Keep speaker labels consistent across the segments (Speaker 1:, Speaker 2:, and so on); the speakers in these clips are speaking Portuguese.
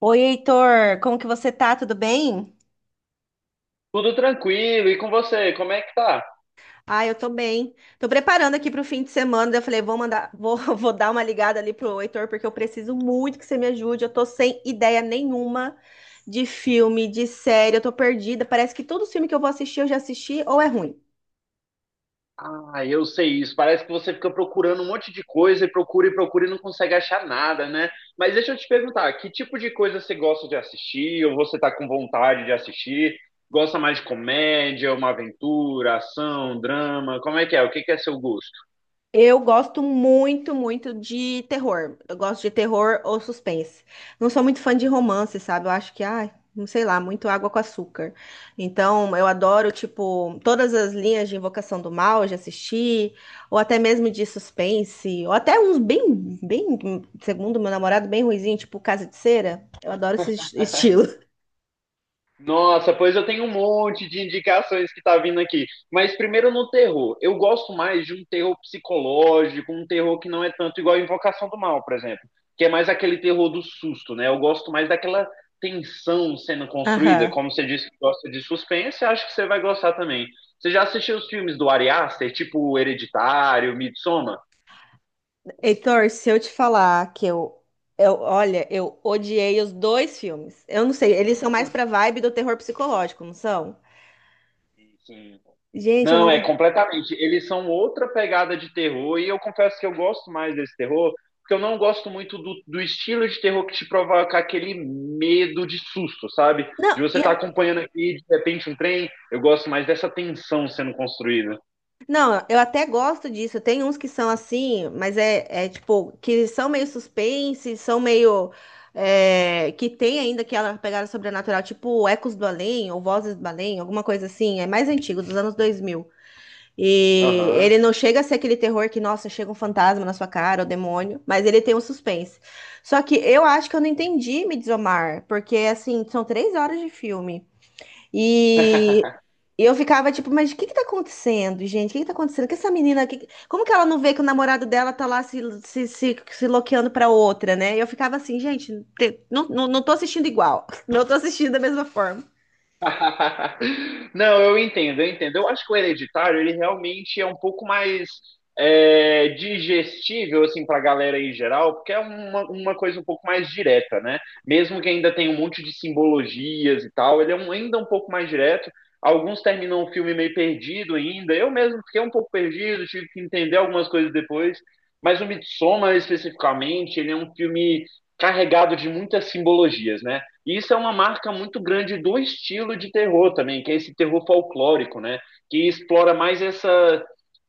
Speaker 1: Oi, Heitor, como que você tá? Tudo bem?
Speaker 2: Tudo tranquilo, e com você, como é que tá?
Speaker 1: Ah, eu tô bem. Tô preparando aqui pro fim de semana. Daí eu falei, vou dar uma ligada ali pro Heitor, porque eu preciso muito que você me ajude. Eu tô sem ideia nenhuma de filme, de série, eu tô perdida. Parece que todo filme que eu vou assistir, eu já assisti ou é ruim.
Speaker 2: Ah, eu sei isso. Parece que você fica procurando um monte de coisa e procura e procura e não consegue achar nada, né? Mas deixa eu te perguntar, que tipo de coisa você gosta de assistir ou você tá com vontade de assistir? Gosta mais de comédia, uma aventura, ação, drama? Como é que é? O que que é seu gosto?
Speaker 1: Eu gosto muito, muito de terror. Eu gosto de terror ou suspense. Não sou muito fã de romance, sabe? Eu acho que, ai, não sei lá, muito água com açúcar. Então, eu adoro, tipo, todas as linhas de Invocação do Mal, eu já assisti, ou até mesmo de suspense, ou até uns bem, bem, segundo meu namorado, bem ruizinho, tipo Casa de Cera. Eu adoro esse estilo.
Speaker 2: Nossa, pois eu tenho um monte de indicações que tá vindo aqui. Mas primeiro no terror. Eu gosto mais de um terror psicológico, um terror que não é tanto igual a Invocação do Mal, por exemplo, que é mais aquele terror do susto, né? Eu gosto mais daquela tensão sendo construída.
Speaker 1: Aham.
Speaker 2: Como você disse que gosta de suspense, acho que você vai gostar também. Você já assistiu os filmes do Ari Aster, tipo Hereditário, Midsommar?
Speaker 1: Heitor, se eu te falar que eu, olha, eu odiei os dois filmes. Eu não sei, eles são mais pra vibe do terror psicológico, não são?
Speaker 2: Sim.
Speaker 1: Gente, eu
Speaker 2: Não,
Speaker 1: não
Speaker 2: é
Speaker 1: gosto.
Speaker 2: completamente. Eles são outra pegada de terror, e eu confesso que eu gosto mais desse terror, porque eu não gosto muito do estilo de terror que te provoca aquele medo de susto, sabe? De
Speaker 1: Não,
Speaker 2: você estar acompanhando aqui, de repente, um trem. Eu gosto mais dessa tensão sendo construída.
Speaker 1: não, eu até gosto disso. Tem uns que são assim, mas é, tipo, que são meio suspense, são meio. É, que tem ainda aquela pegada sobrenatural, tipo Ecos do Além ou Vozes do Além, alguma coisa assim. É mais antigo, dos anos 2000. E ele
Speaker 2: Aham.
Speaker 1: não chega a ser aquele terror que, nossa, chega um fantasma na sua cara, o demônio, mas ele tem um suspense. Só que eu acho que eu não entendi Midsommar, porque, assim, são 3 horas de filme. E eu ficava tipo, mas o que que tá acontecendo, gente? O que que tá acontecendo? Que essa menina, que, como que ela não vê que o namorado dela tá lá se loqueando pra outra, né? E eu ficava assim, gente, não tô assistindo igual, não tô assistindo da mesma forma.
Speaker 2: Não, eu entendo, eu entendo. Eu acho que o Hereditário, ele realmente é um pouco mais é, digestível, assim, pra galera em geral, porque é uma coisa um pouco mais direta, né? Mesmo que ainda tenha um monte de simbologias e tal, ele é ainda um pouco mais direto. Alguns terminam o filme meio perdido ainda. Eu mesmo fiquei um pouco perdido, tive que entender algumas coisas depois. Mas o Midsommar, especificamente, ele é um filme carregado de muitas simbologias, né? E isso é uma marca muito grande do estilo de terror também, que é esse terror folclórico, né? Que explora mais essa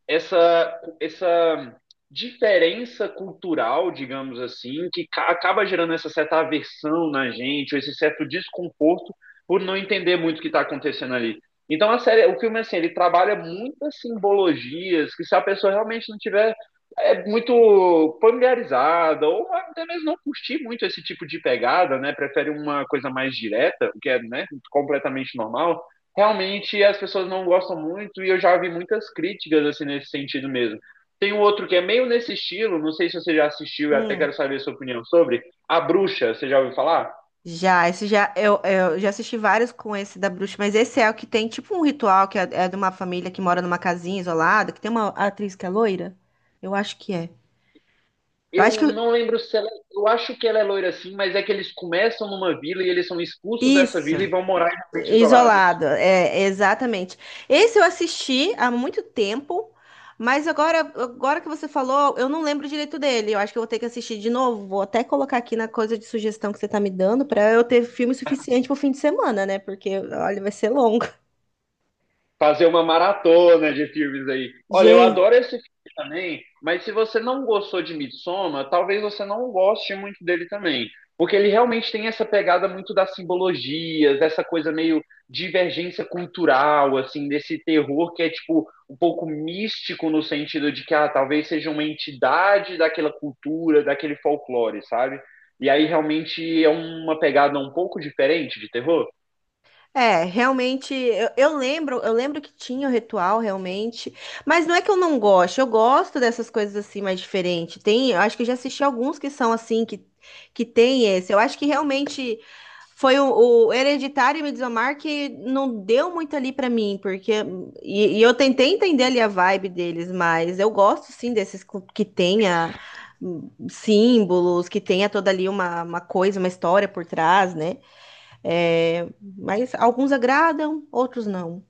Speaker 2: essa, essa diferença cultural, digamos assim, que acaba gerando essa certa aversão na gente, ou esse certo desconforto por não entender muito o que está acontecendo ali. Então a série, o filme assim, ele trabalha muitas simbologias que se a pessoa realmente não tiver é muito familiarizada ou até mesmo não curtir muito esse tipo de pegada, né? Prefere uma coisa mais direta, o que é, né, completamente normal realmente as pessoas não gostam muito e eu já vi muitas críticas assim nesse sentido mesmo. Tem um outro que é meio nesse estilo, não sei se você já assistiu, eu até
Speaker 1: Hum.
Speaker 2: quero saber a sua opinião sobre A Bruxa, você já ouviu falar?
Speaker 1: Já, esse já, eu já assisti vários com esse da bruxa, mas esse é o que tem tipo um ritual que é, é de uma família que mora numa casinha isolada, que tem uma atriz que é loira? Eu acho que é. Eu acho
Speaker 2: Eu
Speaker 1: que.
Speaker 2: não lembro se ela, eu acho que ela é loira assim, mas é que eles começam numa vila e eles são expulsos dessa
Speaker 1: Isso,
Speaker 2: vila e vão morar em ambientes isolados.
Speaker 1: isolado, é, exatamente. Esse eu assisti há muito tempo, mas agora que você falou, eu não lembro direito dele. Eu acho que eu vou ter que assistir de novo. Vou até colocar aqui na coisa de sugestão que você tá me dando pra eu ter filme suficiente pro fim de semana, né? Porque, olha, vai ser longo.
Speaker 2: Fazer uma maratona de filmes aí. Olha, eu
Speaker 1: Gente.
Speaker 2: adoro esse filme também, mas se você não gostou de Midsommar, talvez você não goste muito dele também. Porque ele realmente tem essa pegada muito das simbologias, dessa coisa meio divergência cultural, assim, desse terror que é, tipo, um pouco místico no sentido de que, ah, talvez seja uma entidade daquela cultura, daquele folclore, sabe? E aí realmente é uma pegada um pouco diferente de terror.
Speaker 1: É, realmente, eu lembro, que tinha o ritual, realmente, mas não é que eu não gosto, eu gosto dessas coisas assim mais diferentes. Tem, eu acho que eu já assisti alguns que são assim, que tem esse. Eu acho que realmente foi o Hereditário e Midsommar que não deu muito ali pra mim, porque e eu tentei entender ali a vibe deles, mas eu gosto sim desses que tenha símbolos, que tenha toda ali uma coisa, uma história por trás, né? É, mas alguns agradam, outros não.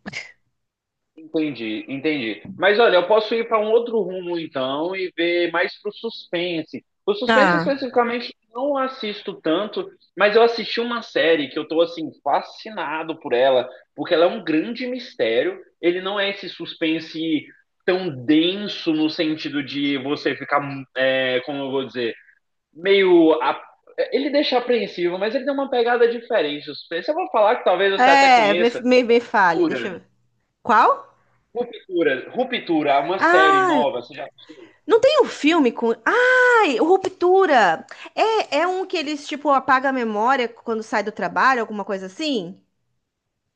Speaker 2: Entendi, entendi. Mas olha, eu posso ir para um outro rumo então e ver mais pro suspense. O suspense
Speaker 1: Ah,
Speaker 2: especificamente não assisto tanto, mas eu assisti uma série que eu tô assim fascinado por ela, porque ela é um grande mistério. Ele não é esse suspense tão denso no sentido de você ficar, é, como eu vou dizer, meio a- ele deixa apreensivo, mas ele tem uma pegada diferente. O suspense, eu vou falar que talvez você até
Speaker 1: é, me,
Speaker 2: conheça.
Speaker 1: me, me fale, deixa eu ver. Qual?
Speaker 2: Ruptura, Ruptura, uma série
Speaker 1: ah,
Speaker 2: nova, você já assistiu?
Speaker 1: Não tem um filme com. Ai, o Ruptura! É um que eles, tipo, apaga a memória quando sai do trabalho, alguma coisa assim?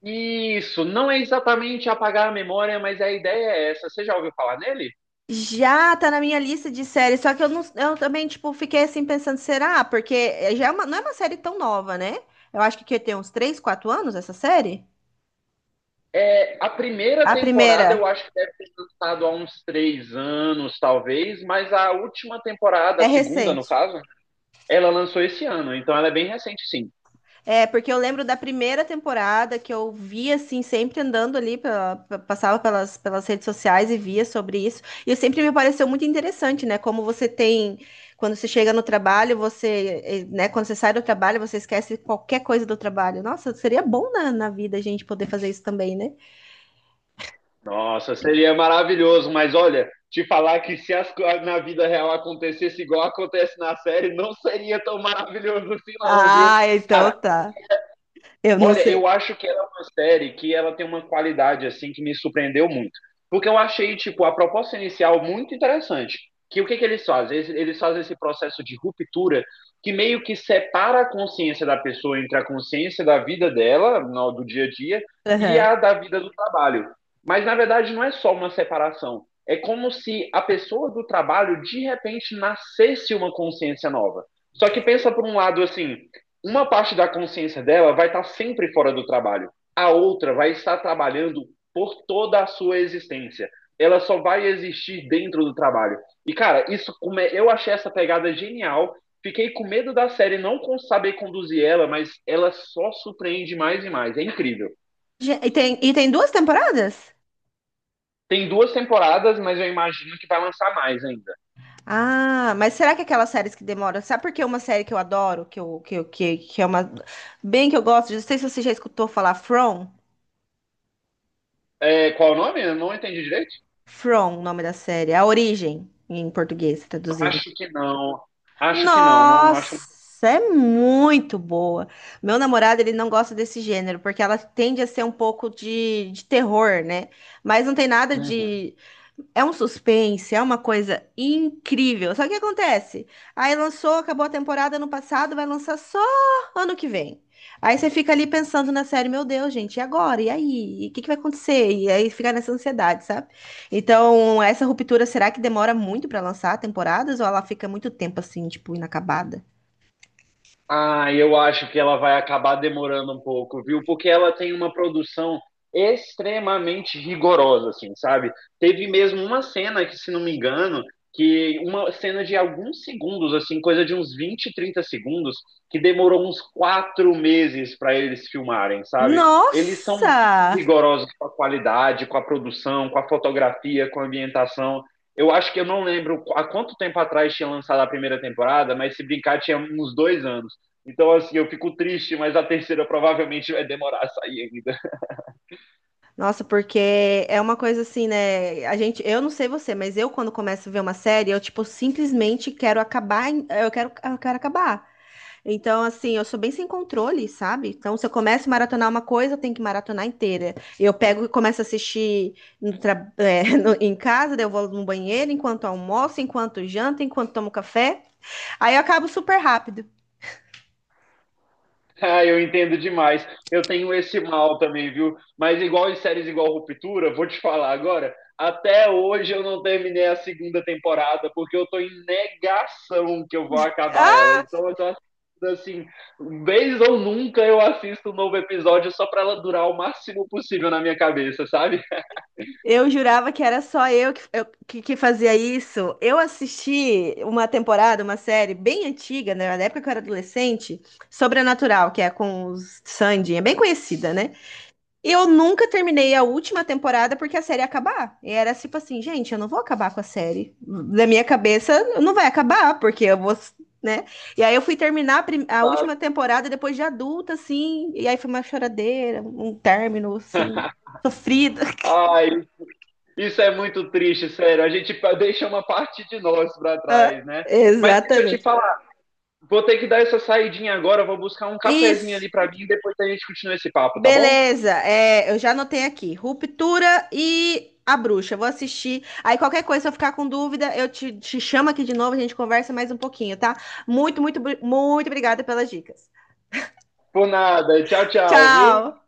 Speaker 2: Isso, não é exatamente apagar a memória, mas a ideia é essa. Você já ouviu falar nele?
Speaker 1: Já tá na minha lista de séries, só que eu, não, eu também, tipo, fiquei assim pensando, será? Porque já é não é uma série tão nova, né? Eu acho que tem uns 3, 4 anos essa série.
Speaker 2: É, a primeira
Speaker 1: A primeira
Speaker 2: temporada eu acho que deve ter lançado há uns 3 anos, talvez, mas a última temporada, a
Speaker 1: é
Speaker 2: segunda no
Speaker 1: recente.
Speaker 2: caso, ela lançou esse ano, então ela é bem recente, sim.
Speaker 1: É, porque eu lembro da primeira temporada que eu via, assim, sempre andando ali, passava pelas redes sociais e via sobre isso. E sempre me pareceu muito interessante, né? Como você tem, quando você chega no trabalho, você, né? Quando você sai do trabalho, você esquece qualquer coisa do trabalho. Nossa, seria bom na vida a gente poder fazer isso também, né?
Speaker 2: Nossa, seria maravilhoso, mas olha, te falar que se na vida real acontecesse igual acontece na série, não seria tão maravilhoso assim, não, viu?
Speaker 1: Ah, então
Speaker 2: Cara,
Speaker 1: tá. Eu não
Speaker 2: olha,
Speaker 1: sei.
Speaker 2: eu acho que ela é uma série que ela tem uma qualidade assim que me surpreendeu muito. Porque eu achei, tipo, a proposta inicial muito interessante. Que o que que eles fazem? Eles fazem esse processo de ruptura que meio que separa a consciência da pessoa entre a consciência da vida dela, do dia a dia, e
Speaker 1: Aham.
Speaker 2: a da vida do trabalho. Mas na verdade não é só uma separação. É como se a pessoa do trabalho de repente nascesse uma consciência nova. Só que pensa por um lado assim, uma parte da consciência dela vai estar sempre fora do trabalho. A outra vai estar trabalhando por toda a sua existência. Ela só vai existir dentro do trabalho. E, cara, isso eu achei essa pegada genial. Fiquei com medo da série não saber conduzir ela, mas ela só surpreende mais e mais. É incrível.
Speaker 1: E tem duas temporadas?
Speaker 2: Tem duas temporadas, mas eu imagino que vai lançar mais ainda.
Speaker 1: Ah, mas será que aquelas séries que demoram? Sabe por que uma série que eu adoro, que é uma. Bem que eu gosto, não sei se você já escutou falar From.
Speaker 2: É, qual o nome? Eu não entendi direito.
Speaker 1: From, o nome da série. A Origem, em português, traduzindo.
Speaker 2: Acho que não. Acho que não. Não acho.
Speaker 1: Nossa, é muito boa. Meu namorado, ele não gosta desse gênero, porque ela tende a ser um pouco de terror, né? Mas não tem nada
Speaker 2: Uhum.
Speaker 1: de. É um suspense, é uma coisa incrível. Só que acontece? Aí lançou, acabou a temporada ano passado, vai lançar só ano que vem. Aí você fica ali pensando na série, meu Deus, gente, e agora? E aí? E o que que vai acontecer? E aí fica nessa ansiedade, sabe? Então, essa ruptura, será que demora muito pra lançar temporadas ou ela fica muito tempo assim, tipo, inacabada?
Speaker 2: Ah, eu acho que ela vai acabar demorando um pouco, viu? Porque ela tem uma produção extremamente rigorosa, assim, sabe? Teve mesmo uma cena que, se não me engano, que uma cena de alguns segundos, assim, coisa de uns 20, 30 segundos, que demorou uns 4 meses para eles filmarem, sabe? Eles são muito
Speaker 1: Nossa!
Speaker 2: rigorosos com a qualidade, com a produção, com a fotografia, com a ambientação. Eu acho que eu não lembro há quanto tempo atrás tinha lançado a primeira temporada, mas se brincar, tinha uns 2 anos. Então, assim, eu fico triste, mas a terceira provavelmente vai demorar a sair ainda.
Speaker 1: Nossa, porque é uma coisa assim, né? A gente, eu não sei você, mas eu quando começo a ver uma série, eu tipo simplesmente quero acabar, eu quero acabar. Então, assim, eu sou bem sem controle, sabe? Então, se eu começo a maratonar uma coisa, eu tenho que maratonar inteira. Eu pego e começo a assistir em casa, daí eu vou no banheiro, enquanto almoço, enquanto janto, enquanto tomo café. Aí eu acabo super rápido.
Speaker 2: Ah, eu entendo demais. Eu tenho esse mal também, viu? Mas igual em séries igual Ruptura, vou te falar agora, até hoje eu não terminei a segunda temporada, porque eu tô em negação que eu vou acabar
Speaker 1: Ah,
Speaker 2: ela. Então, eu tô assistindo, assim, vez ou nunca eu assisto um novo episódio só para ela durar o máximo possível na minha cabeça, sabe?
Speaker 1: eu jurava que era só eu que fazia isso. Eu assisti uma temporada, uma série bem antiga, né, na época que eu era adolescente, Sobrenatural, que é com os Sandy, é bem conhecida, né? Eu nunca terminei a última temporada porque a série ia acabar. E era tipo assim, gente, eu não vou acabar com a série. Da minha cabeça, não vai acabar, porque eu vou, né? E aí eu fui terminar a última temporada depois de adulta, assim. E aí foi uma choradeira, um término, assim, sofrido.
Speaker 2: Ai, isso é muito triste, sério. A gente deixa uma parte de nós para trás, né? Mas deixa eu te
Speaker 1: Exatamente.
Speaker 2: falar, vou ter que dar essa saidinha agora, vou buscar um cafezinho
Speaker 1: Isso.
Speaker 2: ali para mim e depois a gente continua esse papo, tá bom?
Speaker 1: Beleza, é, eu já anotei aqui. Ruptura e A Bruxa. Vou assistir. Aí qualquer coisa, se eu ficar com dúvida, eu te chamo aqui de novo, a gente conversa mais um pouquinho, tá? Muito, muito, muito obrigada pelas dicas.
Speaker 2: Por nada. Tchau, tchau, viu?
Speaker 1: Tchau!